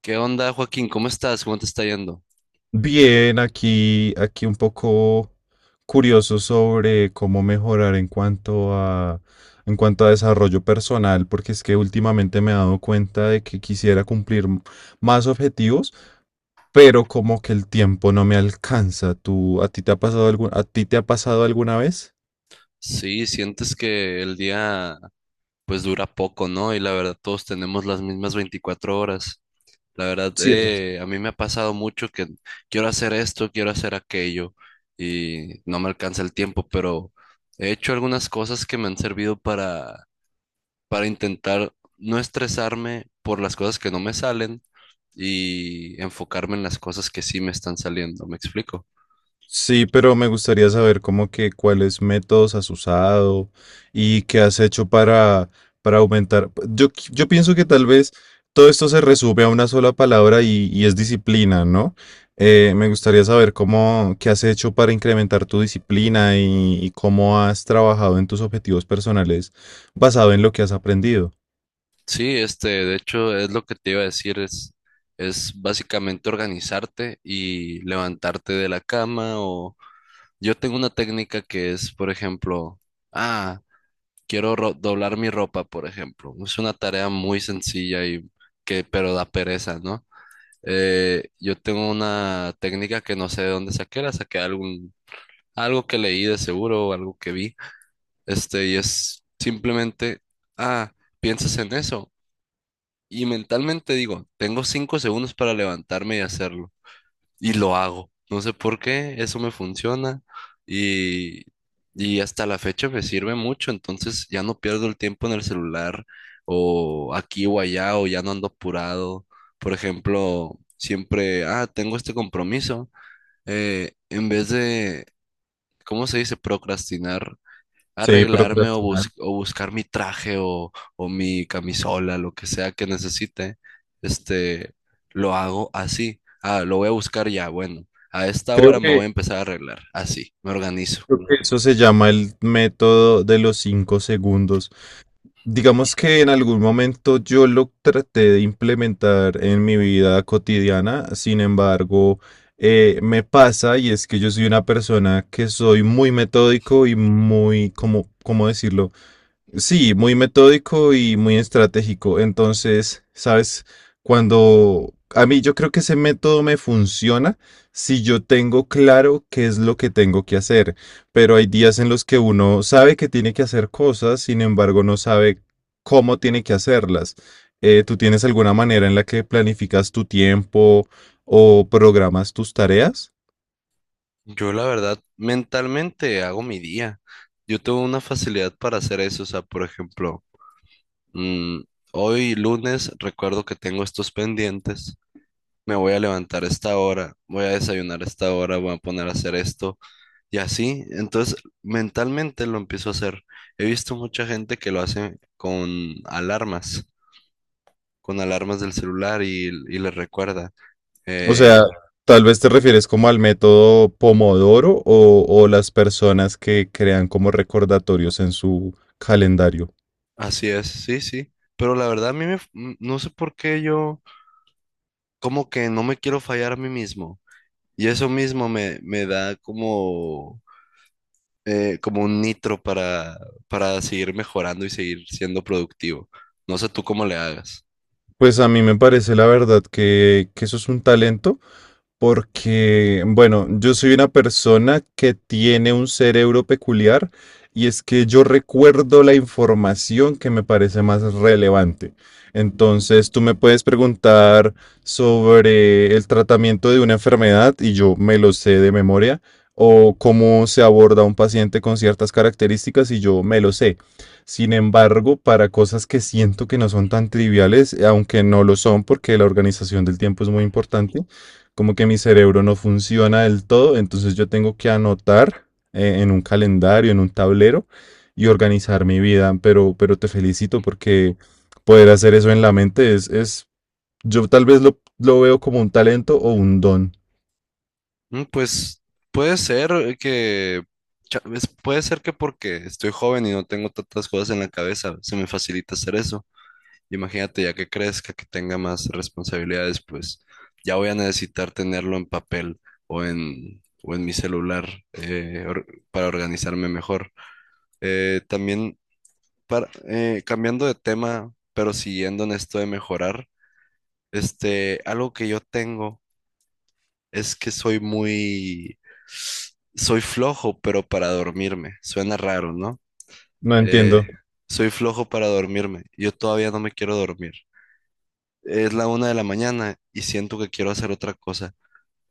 ¿Qué onda, Joaquín? ¿Cómo estás? ¿Cómo te está yendo? Bien, aquí un poco curioso sobre cómo mejorar en cuanto a desarrollo personal, porque es que últimamente me he dado cuenta de que quisiera cumplir más objetivos, pero como que el tiempo no me alcanza. ¿Tú, a ti te ha pasado alguna vez? Sí, sientes que el día pues dura poco, ¿no? Y la verdad todos tenemos las mismas 24 horas. La verdad, Sí, a mí me ha pasado mucho que quiero hacer esto, quiero hacer aquello y no me alcanza el tiempo, pero he hecho algunas cosas que me han servido para intentar no estresarme por las cosas que no me salen y enfocarme en las cosas que sí me están saliendo. ¿Me explico? sí, pero me gustaría saber como que cuáles métodos has usado y qué has hecho para aumentar. Yo pienso que tal vez todo esto se resume a una sola palabra y es disciplina, ¿no? Me gustaría saber qué has hecho para incrementar tu disciplina y cómo has trabajado en tus objetivos personales basado en lo que has aprendido. Sí, de hecho, es lo que te iba a decir, es básicamente organizarte y levantarte de la cama o yo tengo una técnica que es, por ejemplo, ah, quiero doblar mi ropa, por ejemplo. Es una tarea muy sencilla pero da pereza, ¿no? Yo tengo una técnica que no sé de dónde saqué, la saqué de algo que leí de seguro o algo que vi, y es simplemente, ah, piensas en eso y mentalmente digo, tengo 5 segundos para levantarme y hacerlo. Y lo hago. No sé por qué, eso me funciona. Y, y hasta la fecha me sirve mucho. Entonces ya no pierdo el tiempo en el celular o aquí o allá o ya no ando apurado. Por ejemplo, siempre, tengo este compromiso. En vez de, ¿cómo se dice? Procrastinar Sí, arreglarme o, procrastinar. O buscar mi traje o mi camisola, lo que sea que necesite, este, lo hago así. Ah, lo voy a buscar ya, bueno, a esta Creo hora me voy que a empezar a arreglar, así, me organizo. eso se llama el método de los 5 segundos. Digamos que en algún momento yo lo traté de implementar en mi vida cotidiana. Sin embargo, me pasa, y es que yo soy una persona que soy muy metódico y muy, como, ¿cómo decirlo? Sí, muy metódico y muy estratégico. Entonces, sabes, cuando a mí, yo creo que ese método me funciona si yo tengo claro qué es lo que tengo que hacer, pero hay días en los que uno sabe que tiene que hacer cosas, sin embargo, no sabe cómo tiene que hacerlas. ¿Tú tienes alguna manera en la que planificas tu tiempo o programas tus tareas? Yo la verdad, mentalmente hago mi día. Yo tengo una facilidad para hacer eso, o sea, por ejemplo, mm, hoy lunes recuerdo que tengo estos pendientes. Me voy a levantar a esta hora, voy a desayunar a esta hora, voy a poner a hacer esto. Y así, entonces mentalmente lo empiezo a hacer. He visto mucha gente que lo hace alarmas, con alarmas del celular y les recuerda. O Eh, sea, tal vez te refieres como al método Pomodoro, o las personas que crean como recordatorios en su calendario. Así es, sí, sí. Pero la verdad a mí no sé por qué yo como que no me quiero fallar a mí mismo. Y eso mismo me da como un nitro para, seguir mejorando y seguir siendo productivo. No sé tú cómo le hagas. Pues a mí me parece la verdad que eso es un talento. Porque, bueno, yo soy una persona que tiene un cerebro peculiar, y es que yo recuerdo la información que me parece más relevante. Entonces, tú me puedes preguntar sobre el tratamiento de una enfermedad y yo me lo sé de memoria, o cómo se aborda un paciente con ciertas características y yo me lo sé. Sin embargo, para cosas que siento que no son tan triviales, aunque no lo son porque la organización del tiempo es muy importante, como que mi cerebro no funciona del todo, entonces yo tengo que anotar, en un calendario, en un tablero, y organizar mi vida. Pero te felicito porque poder hacer eso en la mente es yo tal vez lo veo como un talento o un don. Pues puede ser que, puede ser que porque estoy joven y no tengo tantas cosas en la cabeza, se me facilita hacer eso. Imagínate, ya que crezca, que tenga más responsabilidades, pues ya voy a necesitar tenerlo en papel o en mi celular para organizarme mejor. También, cambiando de tema, pero siguiendo en esto de mejorar, algo que yo tengo. Es que soy flojo, pero para dormirme. Suena raro, ¿no? No entiendo. Eh, Soy flojo para dormirme. Yo todavía no me quiero dormir. Es la 1 de la mañana y siento que quiero hacer otra cosa.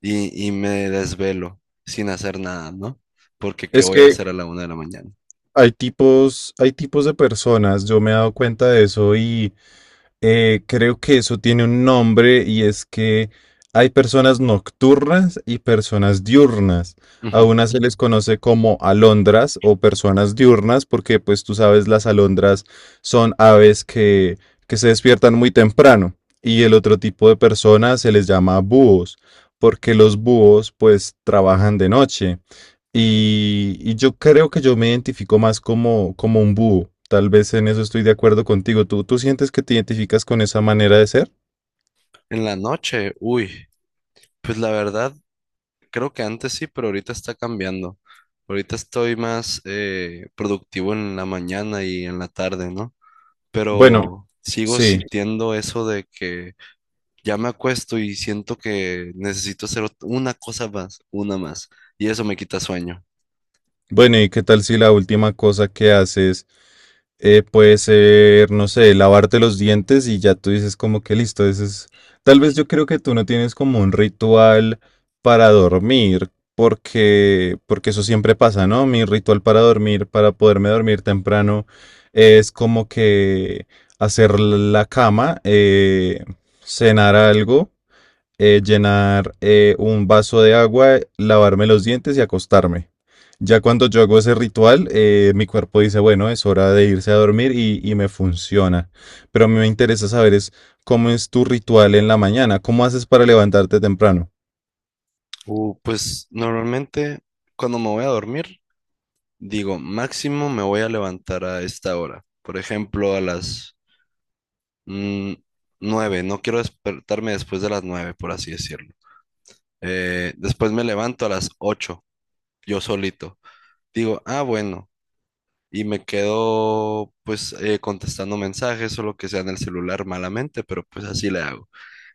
Y me desvelo sin hacer nada, ¿no? Porque ¿qué Es voy a que hacer a la 1 de la mañana? hay tipos de personas, yo me he dado cuenta de eso. Y... Creo que eso tiene un nombre, y es que hay personas nocturnas y personas diurnas. A Ujú. unas se les conoce como alondras o personas diurnas porque, pues, tú sabes, las alondras son aves que se despiertan muy temprano, y el otro tipo de personas se les llama búhos porque los búhos pues trabajan de noche. Y yo creo que yo me identifico más como un búho. Tal vez en eso estoy de acuerdo contigo. ¿Tú sientes que te identificas con esa manera de ser? En la noche, uy, pues la verdad, creo que antes sí, pero ahorita está cambiando. Ahorita estoy más productivo en la mañana y en la tarde, ¿no? Bueno, Pero sigo sí. sintiendo eso de que ya me acuesto y siento que necesito hacer una cosa más, una más, y eso me quita sueño. Bueno, ¿y qué tal si la última cosa que haces, puede ser, no sé, lavarte los dientes? Y ya tú dices como que listo, tal vez yo creo que tú no tienes como un ritual para dormir, porque eso siempre pasa, ¿no? Mi ritual para dormir, para poderme dormir temprano, es como que hacer la cama, cenar algo, llenar, un vaso de agua, lavarme los dientes y acostarme. Ya cuando yo hago ese ritual, mi cuerpo dice, bueno, es hora de irse a dormir, y me funciona. Pero a mí me interesa saber es cómo es tu ritual en la mañana, cómo haces para levantarte temprano. Pues normalmente cuando me voy a dormir, digo, máximo me voy a levantar a esta hora, por ejemplo, a las mm, 9, no quiero despertarme después de las 9, por así decirlo. Después me levanto a las 8, yo solito. Digo, bueno. Y me quedo pues contestando mensajes o lo que sea en el celular malamente, pero pues así le hago.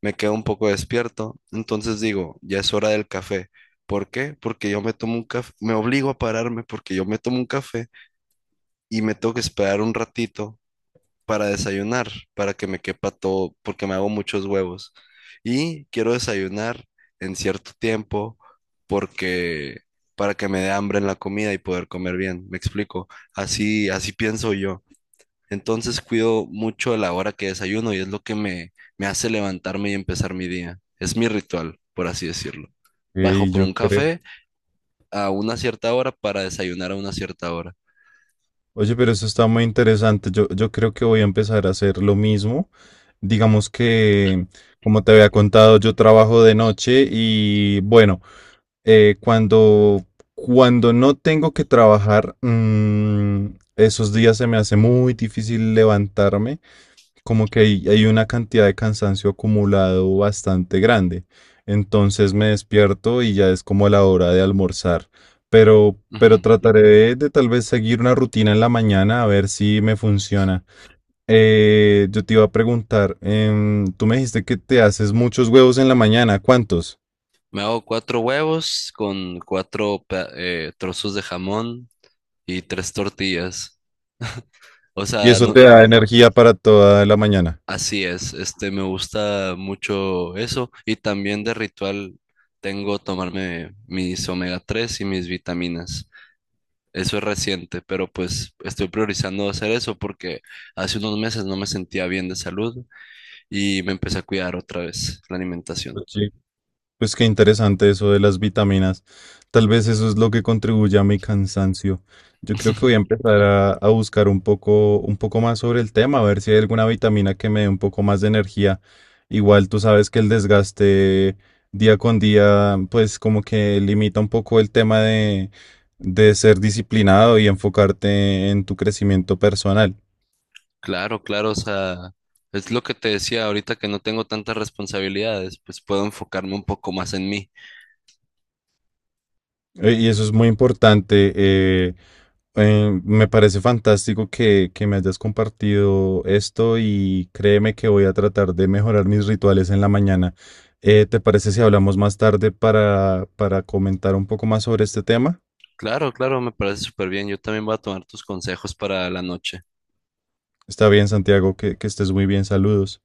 Me quedo un poco despierto, entonces digo, ya es hora del café. ¿Por qué? Porque yo me tomo un café, me obligo a pararme porque yo me tomo un café y me tengo que esperar un ratito para desayunar, para que me quepa todo, porque me hago muchos huevos. Y quiero desayunar en cierto tiempo porque para que me dé hambre en la comida y poder comer bien. ¿Me explico? Así, así pienso yo. Entonces cuido mucho de la hora que desayuno y es lo que me hace levantarme y empezar mi día. Es mi ritual, por así decirlo. Bajo Y por yo un creo, café a una cierta hora para desayunar a una cierta hora. oye, pero eso está muy interesante. Yo creo que voy a empezar a hacer lo mismo. Digamos que, como te había contado, yo trabajo de noche y, bueno, eh, cuando, cuando no tengo que trabajar, esos días se me hace muy difícil levantarme, como que hay una cantidad de cansancio acumulado bastante grande. Entonces me despierto y ya es como la hora de almorzar. Pero Ujú. trataré de tal vez seguir una rutina en la mañana, a ver si me funciona. Yo te iba a preguntar, tú me dijiste que te haces muchos huevos en la mañana, ¿cuántos? Me hago cuatro huevos con cuatro trozos de jamón y tres tortillas. O Y sea, eso te da energía para toda la mañana. así es. Me gusta mucho eso. Y también de ritual tengo tomarme mis omega-3 y mis vitaminas. Eso es reciente, pero pues estoy priorizando hacer eso porque hace unos meses no me sentía bien de salud y me empecé a cuidar otra vez la alimentación. Pues sí, pues qué interesante eso de las vitaminas. Tal vez eso es lo que contribuye a mi cansancio. Yo creo que voy a empezar a buscar un poco, más sobre el tema, a ver si hay alguna vitamina que me dé un poco más de energía. Igual tú sabes que el desgaste día con día, pues como que limita un poco el tema de ser disciplinado y enfocarte en tu crecimiento personal. Claro, claro, o sea, es lo que te decía ahorita que no tengo tantas responsabilidades, pues puedo enfocarme un poco más en mí. Y eso es muy importante. Me parece fantástico que me hayas compartido esto, y créeme que voy a tratar de mejorar mis rituales en la mañana. ¿Te parece si hablamos más tarde para comentar un poco más sobre este tema? Claro, claro, me parece súper bien. Yo también voy a tomar tus consejos para la noche. Está bien, Santiago, que estés muy bien. Saludos.